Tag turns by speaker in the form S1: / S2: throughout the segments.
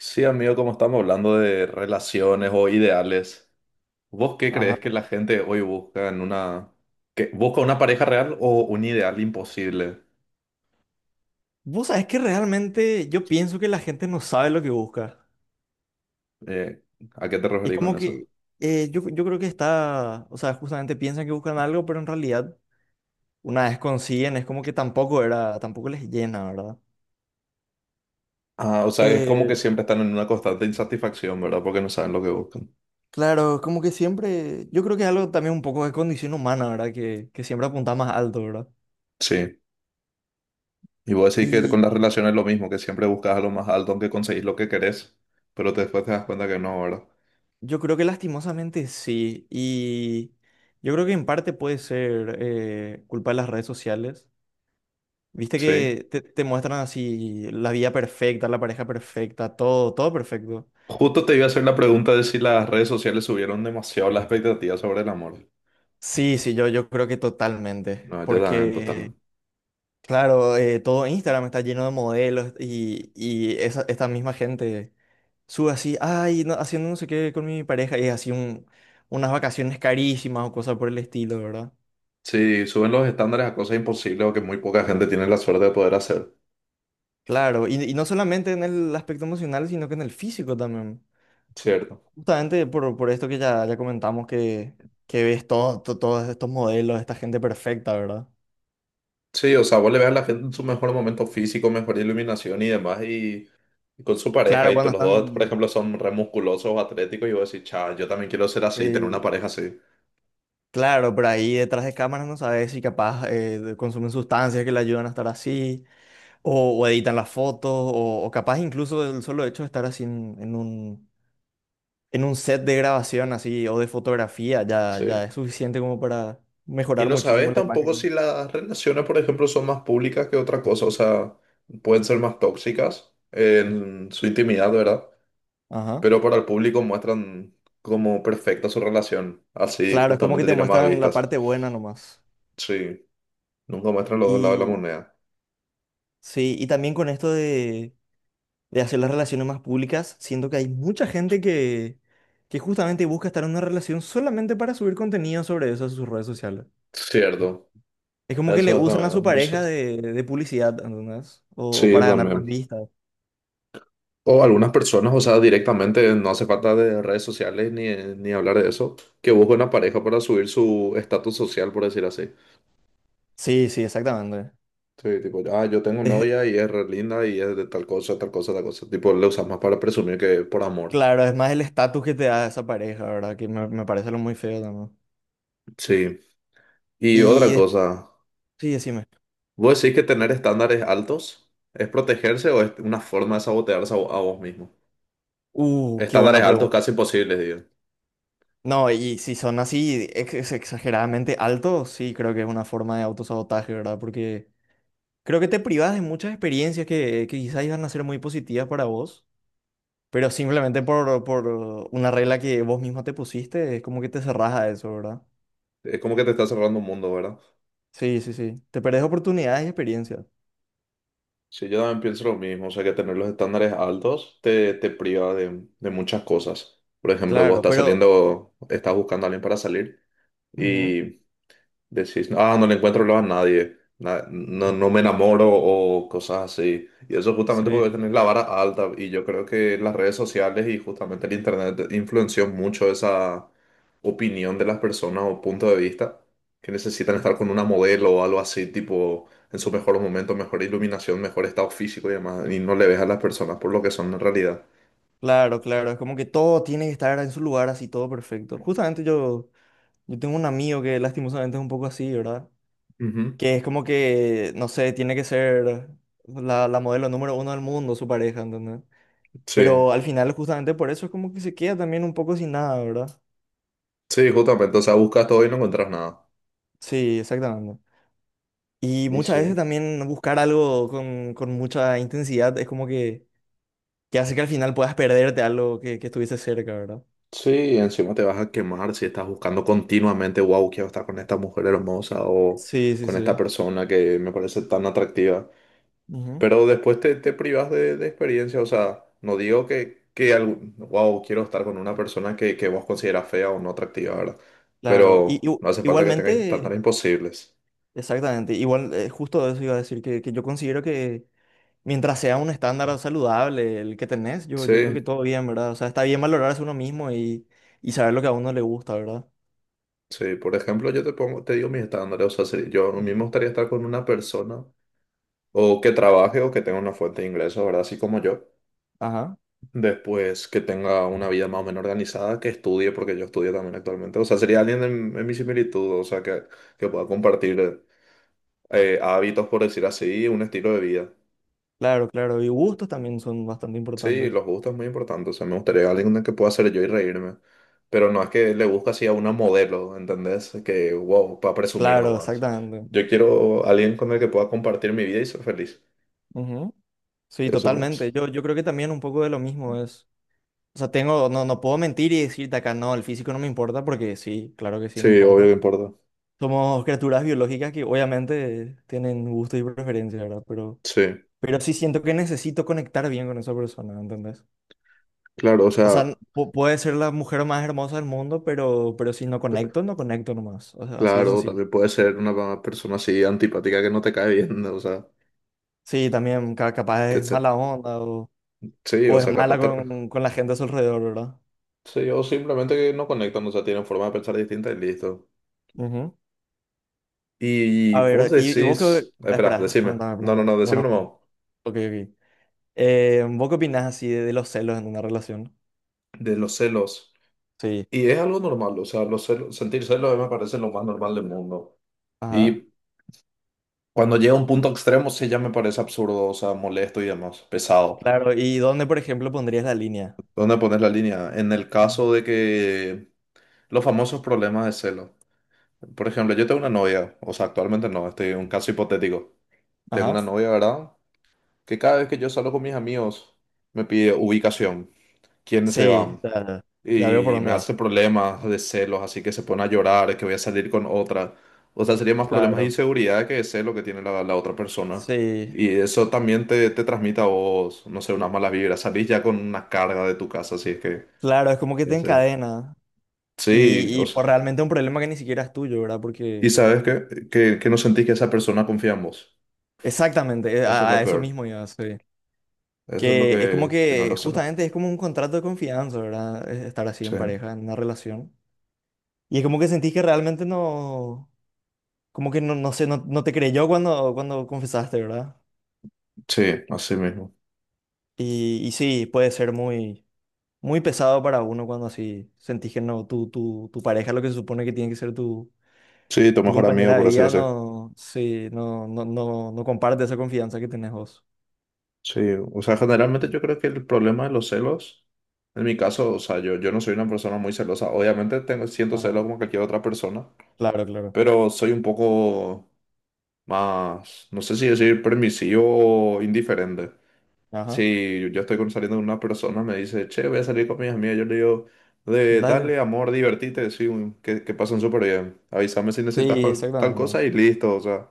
S1: Sí, amigo, como estamos hablando de relaciones o ideales, ¿vos qué crees
S2: Ajá.
S1: que la gente hoy busca en una... que busca una pareja real o un ideal imposible?
S2: Vos sabés que realmente yo pienso que la gente no sabe lo que busca.
S1: Eh, ¿A qué te
S2: Es
S1: referís con
S2: como
S1: eso?
S2: que yo creo que está, o sea, justamente piensan que buscan algo, pero en realidad una vez consiguen, es como que tampoco era, tampoco les llena, ¿verdad?
S1: Ah, o sea, es como
S2: Eh,
S1: que siempre están en una constante insatisfacción, ¿verdad? Porque no saben lo que buscan.
S2: claro, es como que siempre, yo creo que es algo también un poco de condición humana, ¿verdad? Que siempre apunta más alto, ¿verdad?
S1: Sí. Y vos decís que con
S2: Y
S1: las relaciones es lo mismo, que siempre buscas a lo más alto, aunque conseguís lo que querés, pero después te das cuenta que no, ¿verdad?
S2: yo creo que lastimosamente sí. Y yo creo que en parte puede ser culpa de las redes sociales. Viste
S1: Sí.
S2: que te muestran así la vida perfecta, la pareja perfecta, todo, todo perfecto.
S1: Justo te iba a hacer la pregunta de si las redes sociales subieron demasiado la expectativa sobre el amor.
S2: Sí, sí, yo creo que totalmente.
S1: No, yo también,
S2: Porque,
S1: totalmente.
S2: claro, todo Instagram está lleno de modelos y esta misma gente sube así, ay, no, haciendo no sé qué con mi pareja y es unas vacaciones carísimas o cosas por el estilo, ¿verdad?
S1: Sí, suben los estándares a cosas imposibles o que muy poca gente tiene la suerte de poder hacer.
S2: Claro, y no solamente en el aspecto emocional, sino que en el físico también.
S1: Cierto.
S2: Justamente por esto que ya, ya comentamos que ves todos estos modelos, esta gente perfecta, ¿verdad?
S1: Sí, o sea, vos le ves a la gente en su mejor momento físico, mejor iluminación y demás, y con su pareja,
S2: Claro,
S1: y
S2: cuando
S1: los dos, por
S2: están,
S1: ejemplo, son re musculosos, atléticos, y vos decís, cha, yo también quiero ser así, tener una
S2: eh,
S1: pareja así.
S2: claro, pero ahí detrás de cámaras no sabes si capaz consumen sustancias que le ayudan a estar así, o editan las fotos, o capaz incluso el solo hecho de estar así en un set de grabación así o de fotografía ya,
S1: Sí.
S2: ya es suficiente como para
S1: Y
S2: mejorar
S1: no
S2: muchísimo
S1: sabes
S2: la
S1: tampoco
S2: imagen.
S1: si las relaciones, por ejemplo, son más públicas que otra cosa, o sea, pueden ser más tóxicas en su intimidad, ¿verdad?
S2: Ajá.
S1: Pero para el público muestran como perfecta su relación. Así
S2: Claro, es como que
S1: justamente
S2: te
S1: tiene más
S2: muestran la
S1: vistas.
S2: parte buena nomás.
S1: Sí, nunca muestran los dos lados de la moneda.
S2: Sí, y también con esto de hacer las relaciones más públicas, siento que hay mucha gente que justamente busca estar en una relación solamente para subir contenido sobre eso a sus redes sociales.
S1: Cierto,
S2: Es como que le
S1: eso es
S2: usan a
S1: también es
S2: su
S1: muy
S2: pareja
S1: cierto.
S2: de publicidad, ¿entendés? O
S1: Sí,
S2: para ganar más
S1: también.
S2: vistas.
S1: O algunas personas, o sea, directamente no hace falta de redes sociales ni, ni hablar de eso, que buscan una pareja para subir su estatus social, por decir así.
S2: Sí, sí, exactamente.
S1: Sí, tipo, ah, yo tengo
S2: Es-
S1: novia y es re linda y es de tal cosa, tal cosa, tal cosa. Tipo, le usas más para presumir que por amor.
S2: claro, es más el estatus que te da esa pareja, ¿verdad? Que me parece lo muy feo también.
S1: Sí. Y otra
S2: Y después,
S1: cosa.
S2: sí, decime.
S1: ¿Vos decís que tener estándares altos es protegerse o es una forma de sabotearse a, a vos mismo?
S2: Qué
S1: Estándares
S2: buena.
S1: altos casi imposibles, digo.
S2: No, y si son así exageradamente altos, sí, creo que es una forma de autosabotaje, ¿verdad? Porque creo que te privas de muchas experiencias que quizás iban a ser muy positivas para vos, pero simplemente por una regla que vos mismo te pusiste, es como que te cerrás a eso, ¿verdad?
S1: Es como que te está cerrando un mundo, ¿verdad?
S2: Sí, sí, sí. Te perdés oportunidades y experiencias.
S1: Sí, yo también pienso lo mismo, o sea que tener los estándares altos te priva de muchas cosas. Por ejemplo, vos
S2: Claro,
S1: estás
S2: pero...
S1: saliendo, estás buscando a alguien para salir.
S2: Ujú.
S1: Y decís, ah, no le encuentro lo a nadie, no, no me enamoro o cosas así. Y eso justamente porque
S2: Sí,
S1: tenés la vara alta y yo creo que las redes sociales y justamente el internet influenció mucho esa opinión de las personas o punto de vista que necesitan estar con una modelo o algo así, tipo en sus mejores momentos mejor iluminación, mejor estado físico y demás, y no le ves a las personas por lo que son en realidad.
S2: claro, claro. Es como que todo tiene que estar en su lugar así, todo perfecto. Justamente yo, yo tengo un amigo que lastimosamente es un poco así, ¿verdad?
S1: Ujú.
S2: Que es como que, no sé, tiene que ser la modelo número 1 del mundo, su pareja, ¿entendés?
S1: Sí,
S2: Pero al final, justamente por eso, es como que se queda también un poco sin nada, ¿verdad?
S1: sí, justamente, o sea, buscas todo y no encuentras nada.
S2: Sí, exactamente. Y
S1: Y
S2: muchas veces
S1: sí.
S2: también buscar algo con mucha intensidad es como que hace que al final puedas perderte algo que estuviste cerca, ¿verdad?
S1: Sí, encima te vas a quemar si estás buscando continuamente, wow, quiero estar con esta mujer hermosa o
S2: Sí, sí,
S1: con esta
S2: sí.
S1: persona que me parece tan atractiva.
S2: Ujú.
S1: Pero después te privas de experiencia, o sea, no digo que wow, quiero estar con una persona que vos consideras fea o no atractiva, ¿verdad?
S2: Claro.
S1: Pero no hace falta que tengas
S2: Igualmente,
S1: estándares imposibles.
S2: exactamente. Igual, justo eso iba a decir, que yo considero que mientras sea un estándar saludable el que tenés, yo creo que
S1: Sí,
S2: todo bien, ¿verdad? O sea, está bien valorarse uno mismo y saber lo que a uno le gusta, ¿verdad?
S1: sí, por ejemplo, yo te pongo, te digo mis estándares, o sea, si yo a mí me
S2: Mm.
S1: gustaría estar con una persona o que trabaje o que tenga una fuente de ingresos, ¿verdad? Así como yo.
S2: Ajá,
S1: Después que tenga una vida más o menos organizada, que estudie, porque yo estudio también actualmente. O sea, sería alguien en mi similitud, o sea, que pueda compartir hábitos, por decir así, un estilo de vida.
S2: claro, claro. Y gustos también son bastante
S1: Sí,
S2: importantes.
S1: los gustos es muy importante. O sea, me gustaría alguien que pueda ser yo y reírme. Pero no es que le busque así a una modelo, ¿entendés? Que, wow, para presumir
S2: Claro,
S1: nomás.
S2: exactamente.
S1: Yo quiero alguien con el que pueda compartir mi vida y ser feliz.
S2: Ujú. Sí,
S1: Eso
S2: totalmente.
S1: nomás.
S2: Yo creo que también un poco de lo mismo es. O sea, tengo, no, no puedo mentir y decirte acá, no, el físico no me importa, porque sí, claro que sí me
S1: Sí, obvio
S2: importa.
S1: que importa.
S2: Somos criaturas biológicas que obviamente tienen gustos y preferencias, ¿verdad?
S1: Sí,
S2: Pero sí siento que necesito conectar bien con esa persona, ¿entendés?
S1: claro, o
S2: O
S1: sea.
S2: sea, puede ser la mujer más hermosa del mundo, pero si no conecto, no conecto nomás. O sea, así de
S1: Claro,
S2: sencillo.
S1: también puede ser una persona así antipática que no te cae bien, ¿no? O sea,
S2: Sí, también capaz
S1: que
S2: es
S1: se-
S2: mala onda
S1: sí,
S2: o
S1: o
S2: es
S1: sea,
S2: mala con la gente a su alrededor, ¿verdad?
S1: sí, o simplemente que no conectan, o sea, tienen forma de pensar distinta y listo.
S2: Ujú.
S1: Y
S2: A
S1: vos
S2: ver, y vos qué...
S1: decís, espera,
S2: Espera,
S1: decime,
S2: pregúntame,
S1: no, no,
S2: pregúntame.
S1: no, decime
S2: Bueno, bueno.
S1: nomás,
S2: Ok, ok. ¿Vos qué opinás así de los celos en una relación?
S1: de los celos.
S2: Sí.
S1: Y es algo normal, o sea, los celos, sentir celos a mí me parece lo más normal del mundo.
S2: Ajá.
S1: Y cuando llega a un punto extremo, sí ya me parece absurdo, o sea, molesto y demás, pesado.
S2: Claro, ¿y dónde, por ejemplo, pondrías la línea?
S1: ¿Dónde pones la línea? En el
S2: Ujú.
S1: caso de que los famosos problemas de celos. Por ejemplo, yo tengo una novia, o sea, actualmente no, este es un caso hipotético. Tengo
S2: Ajá.
S1: una novia, ¿verdad? Que cada vez que yo salgo con mis amigos me pide ubicación, quiénes se
S2: Sí,
S1: van,
S2: ya ya veo por
S1: y me
S2: dónde va.
S1: hace problemas de celos, así que se pone a llorar, que voy a salir con otra. O sea, sería más problemas de
S2: Claro.
S1: inseguridad que de celo que tiene la, la otra persona.
S2: Sí.
S1: Y eso también te transmite a vos, no sé, unas malas vibras. Salís ya con una carga de tu casa, así es que,
S2: Claro, es como que
S1: ya
S2: te
S1: sé.
S2: encadena.
S1: Sí, o
S2: Y
S1: sea,
S2: por realmente un problema que ni siquiera es tuyo, ¿verdad?
S1: y
S2: Porque
S1: sabes que no sentís que esa persona confía en vos.
S2: exactamente,
S1: Eso es lo
S2: a eso
S1: peor.
S2: mismo iba, sí.
S1: Eso es lo
S2: Que es como
S1: que no
S2: que
S1: lo sé. ¿No?
S2: justamente es como un contrato de confianza, ¿verdad? Es estar así
S1: Sí,
S2: en pareja, en una relación. Y es como que sentís que realmente no, como que no, no sé, no, no te creyó cuando, cuando confesaste, ¿verdad?
S1: sí, así mismo.
S2: Y sí, puede ser muy, muy pesado para uno cuando así sentís que no, tu pareja, lo que se supone que tiene que ser tu,
S1: Sí, tu
S2: tu
S1: mejor amigo,
S2: compañera de
S1: por decirlo
S2: vida,
S1: así.
S2: no, sí, no, no, no, no comparte esa confianza que tenés vos.
S1: Sí, o sea, generalmente yo creo que el problema de los celos, en mi caso, o sea, yo no soy una persona muy celosa. Obviamente tengo, siento celos
S2: Ajá.
S1: como cualquier otra persona,
S2: Claro, claro.
S1: pero soy un poco más, no sé si decir permisivo o indiferente.
S2: Ajá.
S1: Si yo estoy saliendo con una persona, me dice, che, voy a salir con mis amigas. Yo le digo,
S2: Dale.
S1: dale amor, divertite, sí, que pasen súper bien. Avísame si necesitas
S2: Sí,
S1: tal cosa
S2: exactamente.
S1: y listo, o sea.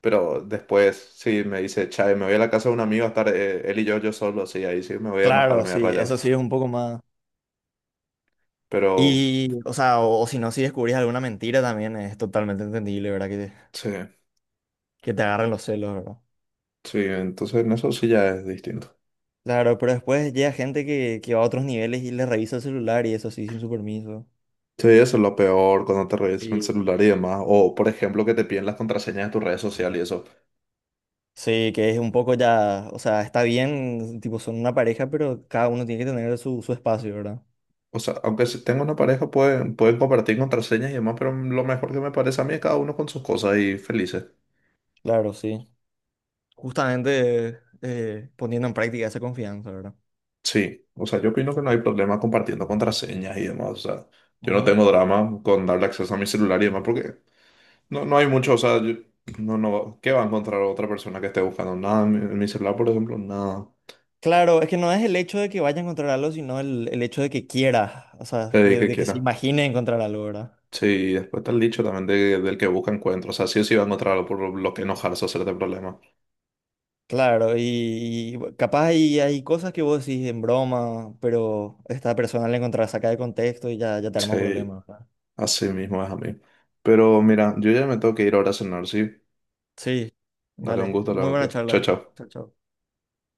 S1: Pero después, si me dice, che, me voy a la casa de un amigo a estar él y yo solo, sí, ahí sí me voy a enojar, me
S2: Claro,
S1: voy a
S2: sí,
S1: rayar.
S2: eso sí es un poco más.
S1: Pero
S2: Y, o sea, o si no, si descubrís alguna mentira también es totalmente entendible, ¿verdad?
S1: sí,
S2: Que te agarren los celos, ¿verdad?
S1: sí, entonces en eso sí ya es distinto.
S2: Claro, pero después llega gente que va a otros niveles y le revisa el celular y eso sí, sin su permiso.
S1: Sí, eso es lo peor cuando te revisan el
S2: Sí.
S1: celular y demás. O, por ejemplo, que te piden las contraseñas de tus redes sociales y eso.
S2: Sí, que es un poco ya, o sea, está bien, tipo, son una pareja, pero cada uno tiene que tener su, su espacio, ¿verdad?
S1: O sea, aunque si tengo una pareja, pueden, pueden compartir contraseñas y demás, pero lo mejor que me parece a mí es cada uno con sus cosas y felices.
S2: Claro, sí. Justamente poniendo en práctica esa confianza, ¿verdad?
S1: Sí, o sea, yo opino que no hay problema compartiendo contraseñas y demás. O sea, yo no
S2: Ujú.
S1: tengo drama con darle acceso a mi celular y demás, porque no, no hay mucho, o sea, yo- no, no, ¿qué va a encontrar otra persona que esté buscando? Nada, en mi celular, por ejemplo, nada.
S2: Claro, es que no es el hecho de que vaya a encontrar algo, sino el hecho de que quiera, o sea, que-
S1: Que
S2: de que se
S1: quiera.
S2: imagine encontrar algo, ¿verdad?
S1: Sí, y después está el dicho también del que busca encuentro. O sea, sí o sí va a encontrar algo por lo que enojarse o hacerte problema.
S2: Claro, y capaz hay, hay cosas que vos decís en broma, pero esta persona la encontrás saca de contexto y ya, ya te arma un
S1: Sí,
S2: problema, ¿verdad?
S1: así mismo es a mí. Pero mira, yo ya me tengo que ir ahora a cenar, sí.
S2: Sí,
S1: Dale un
S2: dale,
S1: gusto hablar
S2: muy buena
S1: contigo. Chao,
S2: charla.
S1: chao.
S2: Chao, chao.